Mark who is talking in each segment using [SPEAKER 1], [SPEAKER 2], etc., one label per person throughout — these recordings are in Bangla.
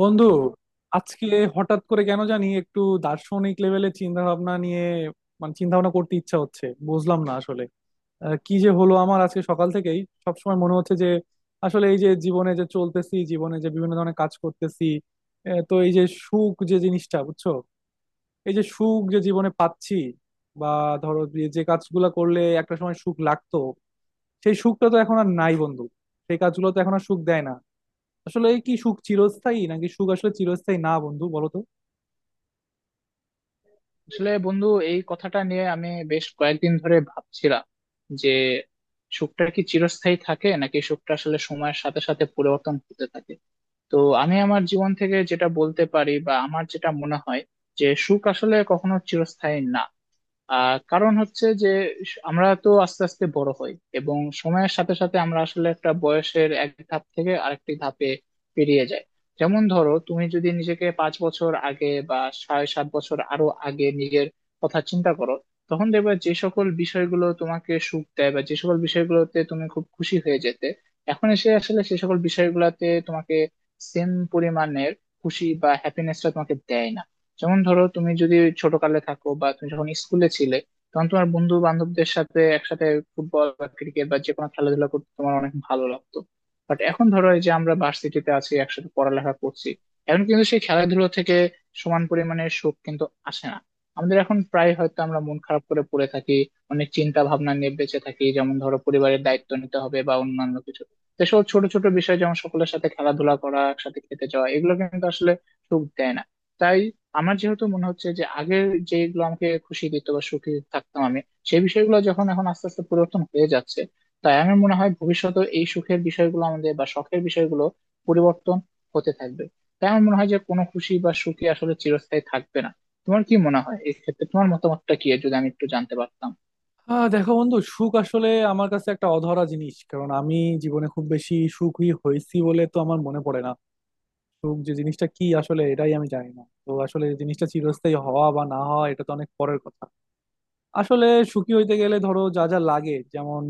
[SPEAKER 1] বন্ধু, আজকে হঠাৎ করে কেন জানি একটু দার্শনিক লেভেলের চিন্তা ভাবনা নিয়ে, মানে চিন্তা ভাবনা করতে ইচ্ছা হচ্ছে, বুঝলাম না আসলে। কি যে হলো আমার, আজকে সকাল থেকেই সবসময় মনে হচ্ছে যে আসলে এই যে জীবনে যে চলতেছি, জীবনে যে বিভিন্ন ধরনের কাজ করতেছি, তো এই যে সুখ যে জিনিসটা, বুঝছো, এই যে সুখ যে জীবনে পাচ্ছি, বা ধরো যে যে কাজগুলো করলে একটা সময় সুখ লাগতো, সেই সুখটা তো এখন আর নাই বন্ধু। সেই কাজগুলো তো এখন আর সুখ দেয় না। আসলে কি সুখ চিরস্থায়ী, নাকি সুখ আসলে চিরস্থায়ী না বন্ধু, বলো তো।
[SPEAKER 2] আসলে বন্ধু, এই কথাটা নিয়ে আমি বেশ কয়েকদিন ধরে ভাবছিলাম যে সুখটা কি চিরস্থায়ী থাকে নাকি সুখটা আসলে সময়ের সাথে সাথে পরিবর্তন হতে থাকে। তো আমি আমার জীবন থেকে যেটা বলতে পারি বা আমার যেটা মনে হয়, যে সুখ আসলে কখনো চিরস্থায়ী না। কারণ হচ্ছে যে আমরা তো আস্তে আস্তে বড় হই, এবং সময়ের সাথে সাথে আমরা আসলে একটা বয়সের এক ধাপ থেকে আরেকটি ধাপে পেরিয়ে যাই। যেমন ধরো, তুমি যদি নিজেকে 5 বছর আগে বা 6-7 বছর আরো আগে নিজের কথা চিন্তা করো, তখন দেখবে যে সকল বিষয়গুলো তোমাকে সুখ দেয় বা যে সকল বিষয়গুলোতে তুমি খুব খুশি হয়ে যেতে, এখন এসে আসলে সে সকল বিষয়গুলোতে তোমাকে সেম পরিমাণের খুশি বা হ্যাপিনেসটা তোমাকে দেয় না। যেমন ধরো, তুমি যদি ছোটকালে থাকো বা তুমি যখন স্কুলে ছিলে, তখন তোমার বন্ধু বান্ধবদের সাথে একসাথে ফুটবল বা ক্রিকেট বা যে কোনো খেলাধুলা করতে তোমার অনেক ভালো লাগতো। বাট এখন ধরো, এই যে আমরা ভার্সিটিতে আছি, একসাথে পড়ালেখা করছি, এখন কিন্তু সেই খেলাধুলো থেকে সমান পরিমাণে সুখ কিন্তু আসে না। আমাদের এখন প্রায় হয়তো আমরা মন খারাপ করে পড়ে থাকি, অনেক চিন্তা ভাবনা নিয়ে বেঁচে থাকি, যেমন ধরো পরিবারের দায়িত্ব নিতে হবে বা অন্যান্য কিছু। এসব ছোট ছোট বিষয়, যেমন সকলের সাথে খেলাধুলা করা, একসাথে খেতে যাওয়া, এগুলো কিন্তু আসলে সুখ দেয় না। তাই আমার যেহেতু মনে হচ্ছে যে আগের যেগুলো আমাকে খুশি দিত বা সুখী থাকতাম আমি, সেই বিষয়গুলো যখন এখন আস্তে আস্তে পরিবর্তন হয়ে যাচ্ছে, তাই আমার মনে হয় ভবিষ্যতে এই সুখের বিষয়গুলো আমাদের বা শখের বিষয়গুলো পরিবর্তন হতে থাকবে। তাই আমার মনে হয় যে কোনো খুশি বা সুখী আসলে চিরস্থায়ী থাকবে না। তোমার কি মনে হয় এই ক্ষেত্রে, তোমার মতামতটা কি যদি আমি একটু জানতে পারতাম।
[SPEAKER 1] আহ, দেখো বন্ধু, সুখ আসলে আমার কাছে একটা অধরা জিনিস, কারণ আমি জীবনে খুব বেশি সুখী হয়েছি বলে তো আমার মনে পড়ে না। সুখ যে জিনিসটা কি আসলে, এটাই আমি জানি না, তো আসলে জিনিসটা চিরস্থায়ী হওয়া বা না হওয়া এটা তো অনেক পরের কথা। আসলে সুখী হইতে গেলে ধরো যা যা লাগে, যেমন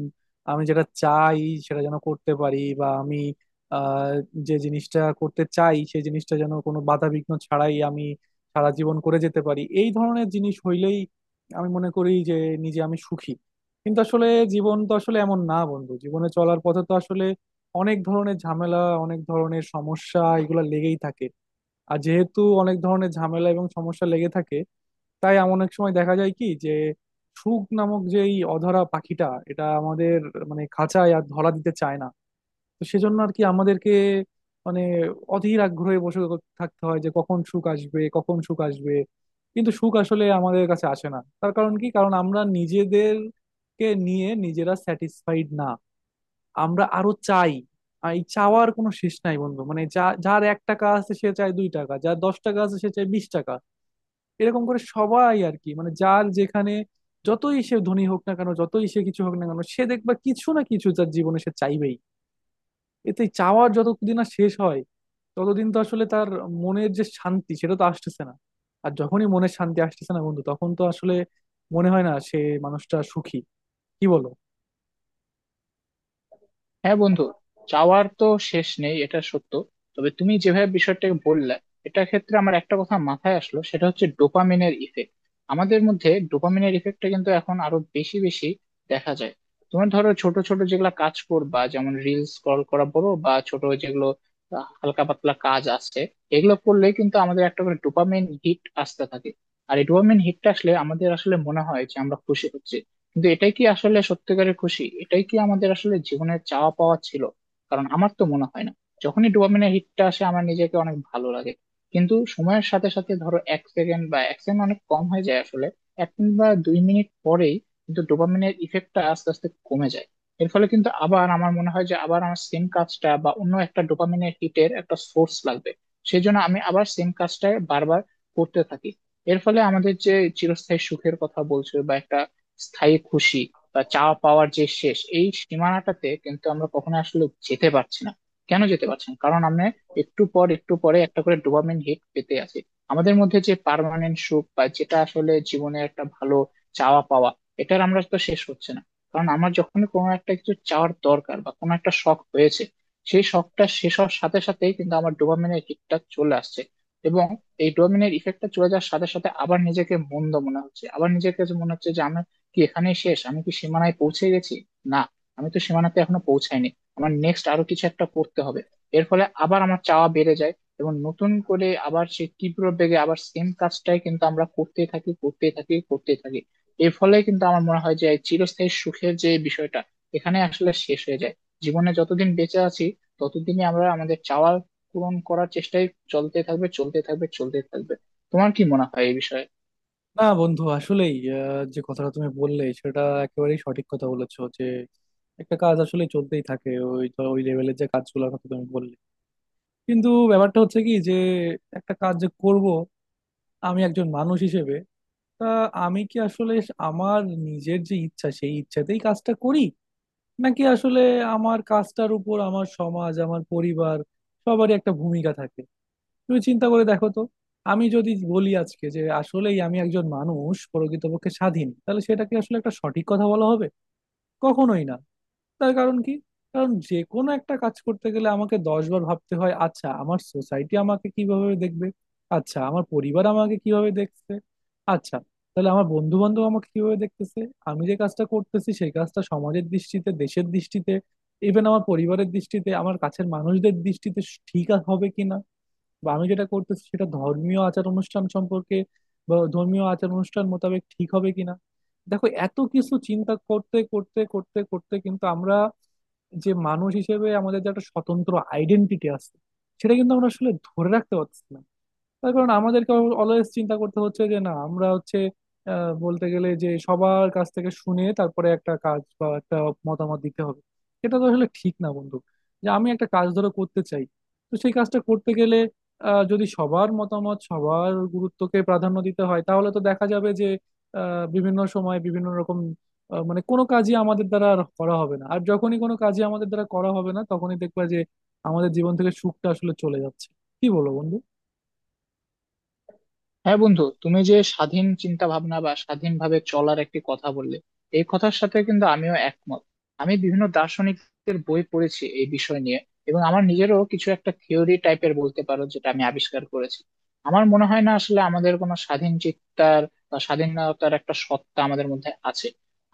[SPEAKER 1] আমি যেটা চাই সেটা যেন করতে পারি, বা আমি আহ, যে জিনিসটা করতে চাই সেই জিনিসটা যেন কোনো বাধা বিঘ্ন ছাড়াই আমি সারা জীবন করে যেতে পারি, এই ধরনের জিনিস হইলেই আমি মনে করি যে নিজে আমি সুখী। কিন্তু আসলে জীবন তো আসলে এমন না বন্ধু। জীবনে চলার পথে তো আসলে অনেক ধরনের ঝামেলা, অনেক ধরনের সমস্যা এগুলো লেগেই থাকে। আর যেহেতু অনেক ধরনের ঝামেলা এবং সমস্যা লেগে থাকে, তাই এমন অনেক সময় দেখা যায় কি যে শুক নামক যে এই অধরা পাখিটা, এটা আমাদের মানে খাঁচায় আর ধরা দিতে চায় না। তো সেজন্য আর কি আমাদেরকে মানে অধীর আগ্রহে বসে থাকতে হয় যে কখন শুক আসবে, কখন শুক আসবে। কিন্তু শুক আসলে আমাদের কাছে আসে না। তার কারণ কি? কারণ আমরা নিজেদেরকে নিয়ে নিজেরা স্যাটিসফাইড না, আমরা আরো চাই। আর এই চাওয়ার কোনো শেষ নাই বন্ধু। মানে যা যার এক টাকা আছে সে চায় দুই টাকা, যার দশ টাকা আছে সে চায় বিশ টাকা। এরকম করে সবাই আর কি, মানে যার যেখানে যতই সে ধনী হোক না কেন, যতই সে কিছু হোক না কেন, সে দেখবা কিছু না কিছু তার জীবনে সে চাইবেই। এতে চাওয়ার যতদিন না শেষ হয়, ততদিন তো আসলে তার মনের যে শান্তি সেটা তো আসতেছে না। আর যখনই মনের শান্তি আসতেছে না বন্ধু, তখন তো আসলে মনে হয় না সে মানুষটা সুখী। কি বলো?
[SPEAKER 2] হ্যাঁ বন্ধু, চাওয়ার তো শেষ নেই, এটা সত্য। তবে তুমি যেভাবে বিষয়টাকে বললে, এটা ক্ষেত্রে আমার একটা কথা মাথায় আসলো, সেটা হচ্ছে ডোপামিনের ইফেক্ট। আমাদের মধ্যে ডোপামিনের ইফেক্টটা কিন্তু এখন আরো বেশি বেশি দেখা যায়। তোমার ধরো ছোট ছোট যেগুলা কাজ করবা, যেমন রিলস স্ক্রল করা বলো বা ছোট যেগুলো হালকা পাতলা কাজ আছে, এগুলো করলে কিন্তু আমাদের একটা করে ডোপামিন হিট আসতে থাকে। আর এই ডোপামিন হিটটা আসলে আমাদের আসলে মনে হয় যে আমরা খুশি হচ্ছি, কিন্তু এটাই কি আসলে সত্যিকারের খুশি? এটাই কি আমাদের আসলে জীবনের চাওয়া পাওয়া ছিল? কারণ আমার তো মনে হয় না। যখনই ডোপামিনের হিটটা আসে, আমার নিজেকে অনেক ভালো লাগে, কিন্তু সময়ের সাথে সাথে, ধরো 1 সেকেন্ড, বা 1 সেকেন্ড অনেক কম হয়ে যায় আসলে, 1 মিনিট বা 2 মিনিট পরেই কিন্তু ডোপামিনের ইফেক্টটা আস্তে আস্তে কমে যায়। এর ফলে কিন্তু আবার আমার মনে হয় যে আবার আমার সেম কাজটা বা অন্য একটা ডোপামিনের হিটের একটা সোর্স লাগবে। সেই জন্য আমি আবার সেম কাজটা বারবার করতে থাকি। এর ফলে আমাদের যে চিরস্থায়ী সুখের কথা বলছো বা একটা স্থায়ী খুশি বা চাওয়া পাওয়ার যে শেষ, এই সীমানাটাতে কিন্তু আমরা কখনো আসলে যেতে পারছি না। কেন যেতে পারছি না? কারণ আমরা একটু পর একটু পরে একটা করে ডোপামিন হিট পেতে আছি। আমাদের মধ্যে যে পার্মানেন্ট সুখ বা যেটা আসলে জীবনে একটা ভালো চাওয়া পাওয়া, এটার আমরা তো শেষ হচ্ছে না। কারণ আমার যখন কোনো একটা কিছু চাওয়ার দরকার বা কোনো একটা শখ হয়েছে, সেই শখটা শেষ হওয়ার সাথে সাথেই কিন্তু আমার ডোপামিনের হিটটা চলে আসছে, এবং এই ডোপামিনের ইফেক্টটা চলে যাওয়ার সাথে সাথে আবার নিজেকে মন্দ মনে হচ্ছে, আবার নিজেকে যে মনে হচ্ছে যে আমি কি এখানে শেষ? আমি কি সীমানায় পৌঁছে গেছি? না, আমি তো সীমানাতে এখনো পৌঁছাইনি, আমার নেক্সট আরো কিছু একটা করতে হবে। এর ফলে আবার আমার চাওয়া বেড়ে যায়, এবং নতুন করে আবার সেই তীব্র বেগে আবার সেম কাজটাই কিন্তু আমরা করতেই থাকি, করতেই থাকি, করতেই থাকি। এর ফলে কিন্তু আমার মনে হয় যে এই চিরস্থায়ী সুখের যে বিষয়টা, এখানে আসলে শেষ হয়ে যায়। জীবনে যতদিন বেঁচে আছি, ততদিনই আমরা আমাদের চাওয়া পূরণ করার চেষ্টাই চলতে থাকবে, চলতে থাকবে, চলতে থাকবে। তোমার কি মনে হয় এই বিষয়ে?
[SPEAKER 1] না বন্ধু, আসলেই যে কথাটা তুমি বললে সেটা একেবারেই সঠিক কথা বলেছো যে একটা কাজ আসলে চলতেই থাকে, ওই ওই লেভেলের যে কাজগুলোর কথা তুমি বললে। কিন্তু ব্যাপারটা হচ্ছে কি যে একটা কাজ যে করব আমি একজন মানুষ হিসেবে, তা আমি কি আসলে আমার নিজের যে ইচ্ছা সেই ইচ্ছাতেই কাজটা করি, নাকি আসলে আমার কাজটার উপর আমার সমাজ, আমার পরিবার, সবারই একটা ভূমিকা থাকে। তুমি চিন্তা করে দেখো তো, আমি যদি বলি আজকে যে আসলেই আমি একজন মানুষ প্রকৃতপক্ষে স্বাধীন, তাহলে সেটা কি আসলে একটা সঠিক কথা বলা হবে? কখনোই না। তার কারণ কি? কারণ যে কোনো একটা কাজ করতে গেলে আমাকে দশ বার ভাবতে হয়, আচ্ছা আমার সোসাইটি আমাকে কিভাবে দেখবে, আচ্ছা আমার পরিবার আমাকে কিভাবে দেখছে, আচ্ছা তাহলে আমার বন্ধু বান্ধব আমাকে কিভাবে দেখতেছে, আমি যে কাজটা করতেছি সেই কাজটা সমাজের দৃষ্টিতে, দেশের দৃষ্টিতে, ইভেন আমার পরিবারের দৃষ্টিতে, আমার কাছের মানুষদের দৃষ্টিতে ঠিক হবে কিনা, বা আমি যেটা করতেছি সেটা ধর্মীয় আচার অনুষ্ঠান সম্পর্কে বা ধর্মীয় আচার অনুষ্ঠান মোতাবেক ঠিক হবে কিনা। দেখো, এত কিছু চিন্তা করতে করতে কিন্তু আমরা যে মানুষ হিসেবে আমাদের যে একটা স্বতন্ত্র আইডেন্টিটি আছে, সেটা কিন্তু আমরা আসলে ধরে রাখতে পারছি না। তার কারণ আমাদেরকে অলওয়েজ চিন্তা করতে হচ্ছে যে না, আমরা হচ্ছে বলতে গেলে যে সবার কাছ থেকে শুনে তারপরে একটা কাজ বা একটা মতামত দিতে হবে। এটা তো আসলে ঠিক না বন্ধু। যে আমি একটা কাজ ধরো করতে চাই, তো সেই কাজটা করতে গেলে যদি সবার মতামত, সবার গুরুত্বকে প্রাধান্য দিতে হয়, তাহলে তো দেখা যাবে যে বিভিন্ন সময় বিভিন্ন রকম, মানে কোনো কাজই আমাদের দ্বারা আর করা হবে না। আর যখনই কোনো কাজই আমাদের দ্বারা করা হবে না, তখনই দেখবা যে আমাদের জীবন থেকে সুখটা আসলে চলে যাচ্ছে। কি বলো বন্ধু?
[SPEAKER 2] হ্যাঁ বন্ধু, তুমি যে স্বাধীন চিন্তা ভাবনা বা স্বাধীনভাবে চলার একটি কথা বললে, এই কথার সাথে কিন্তু আমিও একমত। আমি বিভিন্ন দার্শনিকদের বই পড়েছি এই বিষয় নিয়ে, এবং আমার নিজেরও কিছু একটা থিওরি টাইপের বলতে পারো, যেটা আমি আবিষ্কার করেছি। আমার মনে হয় না আসলে আমাদের কোনো স্বাধীন চিত্তার বা স্বাধীনতার একটা সত্তা আমাদের মধ্যে আছে।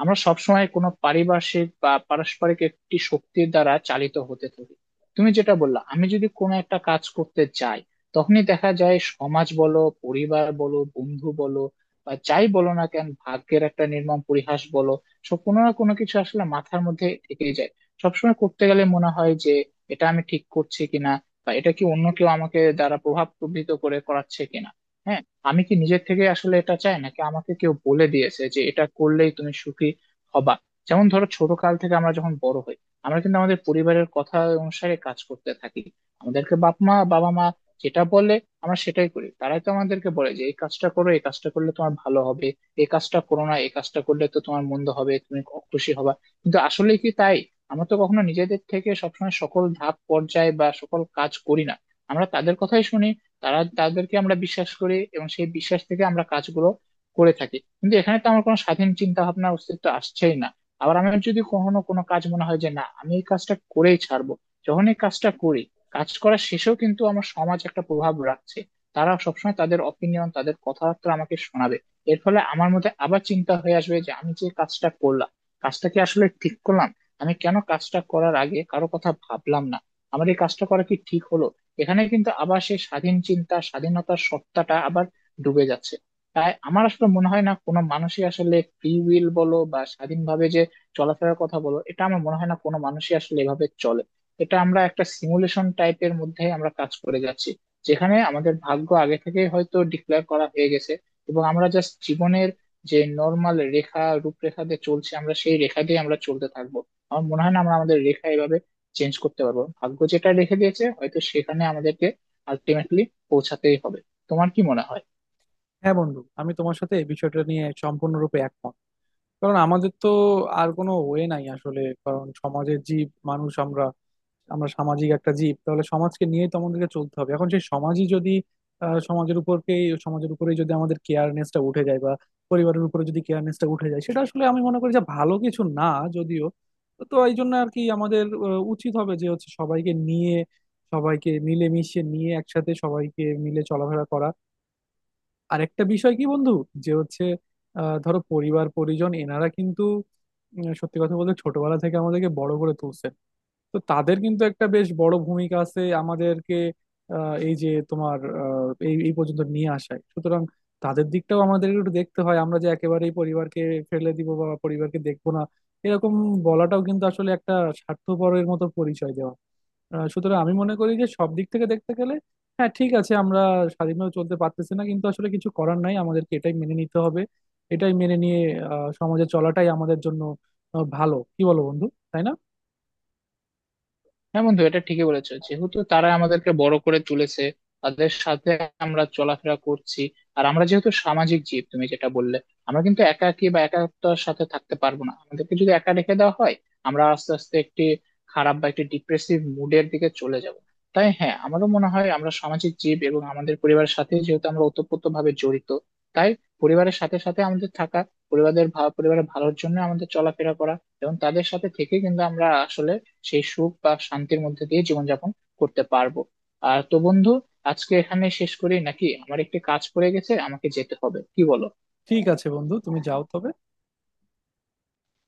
[SPEAKER 2] আমরা সবসময় কোনো পারিপার্শ্বিক বা পারস্পরিক একটি শক্তির দ্বারা চালিত হতে থাকি। তুমি যেটা বললা, আমি যদি কোনো একটা কাজ করতে চাই, তখনই দেখা যায় সমাজ বলো, পরিবার বলো, বন্ধু বলো, বা যাই বলো না কেন, ভাগ্যের একটা নির্মম পরিহাস বলো, সব কোনো না কোনো কিছু আসলে মাথার মধ্যে থেকেই যায়। সবসময় করতে গেলে মনে হয় যে এটা আমি ঠিক করছি কিনা, বা এটা কি অন্য কেউ আমাকে দ্বারা প্রভাব প্রভাবিত করে করাচ্ছে কিনা। হ্যাঁ, আমি কি নিজের থেকে আসলে এটা চাই, নাকি আমাকে কেউ বলে দিয়েছে যে এটা করলেই তুমি সুখী হবা। যেমন ধরো, ছোট কাল থেকে আমরা যখন বড় হই, আমরা কিন্তু আমাদের পরিবারের কথা অনুসারে কাজ করতে থাকি। আমাদেরকে বাপ মা বাবা মা যেটা বলে, আমরা সেটাই করি। তারাই তো আমাদেরকে বলে যে এই কাজটা করো, এই কাজটা করলে তোমার ভালো হবে, এই কাজটা করো না, এই কাজটা করলে তো তোমার মন্দ হবে, তুমি খুশি হবা। কিন্তু আসলে কি তাই? আমরা তো কখনো নিজেদের থেকে সবসময় সকল ধাপ পর্যায় বা সকল কাজ করি না। আমরা তাদের কথাই শুনি, তারা তাদেরকে আমরা বিশ্বাস করি, এবং সেই বিশ্বাস থেকে আমরা কাজগুলো করে থাকি। কিন্তু এখানে তো আমার কোনো স্বাধীন চিন্তা ভাবনা অস্তিত্ব আসছেই না। আবার আমার যদি কখনো কোনো কাজ মনে হয় যে না, আমি এই কাজটা করেই ছাড়বো, যখন এই কাজটা করি, কাজ করা শেষেও কিন্তু আমার সমাজ একটা প্রভাব রাখছে। তারা সবসময় তাদের অপিনিয়ন, তাদের কথাবার্তা আমাকে শোনাবে। এর ফলে আমার মধ্যে আবার চিন্তা হয়ে আসবে যে আমি যে কাজটা করলাম, কাজটা কি আসলে ঠিক করলাম? আমি কেন কাজটা করার আগে কারো কথা ভাবলাম না? আমার এই কাজটা করা কি ঠিক হলো? এখানে কিন্তু আবার সেই স্বাধীন চিন্তা, স্বাধীনতার সত্তাটা আবার ডুবে যাচ্ছে। তাই আমার আসলে মনে হয় না কোনো মানুষই আসলে ফ্রি উইল বলো, বা স্বাধীনভাবে যে চলাফেরার কথা বলো, এটা আমার মনে হয় না কোনো মানুষই আসলে এভাবে চলে। এটা আমরা একটা সিমুলেশন টাইপের মধ্যে আমরা কাজ করে যাচ্ছি, যেখানে আমাদের ভাগ্য আগে থেকে হয়তো ডিক্লেয়ার করা হয়ে গেছে, এবং আমরা জাস্ট জীবনের যে নর্মাল রেখা, রূপরেখা দিয়ে চলছে, আমরা সেই রেখা দিয়ে আমরা চলতে থাকবো। আমার মনে হয় না আমরা আমাদের রেখা এভাবে চেঞ্জ করতে পারবো। ভাগ্য যেটা রেখে দিয়েছে, হয়তো সেখানে আমাদেরকে আলটিমেটলি পৌঁছাতেই হবে। তোমার কি মনে হয়?
[SPEAKER 1] হ্যাঁ বন্ধু, আমি তোমার সাথে এই বিষয়টা নিয়ে সম্পূর্ণরূপে একমত। কারণ আমাদের তো আর কোনো ওয়ে নাই আসলে, কারণ সমাজের জীব মানুষ আমরা, আমরা সামাজিক একটা জীব, তাহলে সমাজকে নিয়েই তো আমাদেরকে চলতে হবে। এখন সেই সমাজই যদি আহ, সমাজের উপরকেই সমাজের উপরেই যদি আমাদের কেয়ারনেসটা উঠে যায়, বা পরিবারের উপরে যদি কেয়ারনেসটা উঠে যায়, সেটা আসলে আমি মনে করি যে ভালো কিছু না, যদিও। তো এই জন্য আর কি আমাদের উচিত হবে যে হচ্ছে সবাইকে নিয়ে, সবাইকে মিলেমিশে নিয়ে একসাথে সবাইকে মিলে চলাফেরা করা। আরেকটা বিষয় কি বন্ধু, যে হচ্ছে ধরো পরিবার পরিজন এনারা কিন্তু সত্যি কথা বলতে ছোটবেলা থেকে আমাদেরকে বড় করে তুলছে। তো তাদের কিন্তু একটা বেশ বড় ভূমিকা আছে আমাদেরকে এই যে তোমার এই এই পর্যন্ত নিয়ে আসায়। সুতরাং তাদের দিকটাও আমাদের একটু দেখতে হয়। আমরা যে একেবারেই পরিবারকে ফেলে দিব বা পরিবারকে দেখবো না, এরকম বলাটাও কিন্তু আসলে একটা স্বার্থপরের মতো পরিচয় দেওয়া। আহ, সুতরাং আমি মনে করি যে সব দিক থেকে দেখতে গেলে, হ্যাঁ ঠিক আছে আমরা স্বাধীনভাবে চলতে পারতেছি না, কিন্তু আসলে কিছু করার নাই, আমাদেরকে এটাই মেনে নিতে হবে। এটাই মেনে নিয়ে সমাজে চলাটাই আমাদের জন্য ভালো। কি বলো বন্ধু, তাই না?
[SPEAKER 2] হ্যাঁ বন্ধু, এটা ঠিকই বলেছো, যেহেতু তারা আমাদেরকে বড় করে তুলেছে, তাদের সাথে আমরা চলাফেরা করছি। আর আমরা যেহেতু সামাজিক জীব, তুমি যেটা বললে, আমরা কিন্তু একা একাকী বা একাত্মতার সাথে থাকতে পারবো না। আমাদেরকে যদি একা রেখে দেওয়া হয়, আমরা আস্তে আস্তে একটি খারাপ বা একটি ডিপ্রেসিভ মুডের দিকে চলে যাব। তাই হ্যাঁ, আমারও মনে হয় আমরা সামাজিক জীব, এবং আমাদের পরিবারের সাথে যেহেতু আমরা ওতপ্রোত ভাবে জড়িত, তাই পরিবারের সাথে সাথে আমাদের থাকা, পরিবারের ভালোর জন্য আমাদের চলাফেরা করা, এবং তাদের সাথে থেকে কিন্তু আমরা আসলে সেই সুখ বা শান্তির মধ্যে দিয়ে জীবনযাপন করতে পারবো। আর তো বন্ধু, আজকে এখানে শেষ করি নাকি? আমার একটি কাজ পড়ে গেছে, আমাকে যেতে হবে, কি বলো?
[SPEAKER 1] ঠিক আছে বন্ধু, তুমি যাও তবে।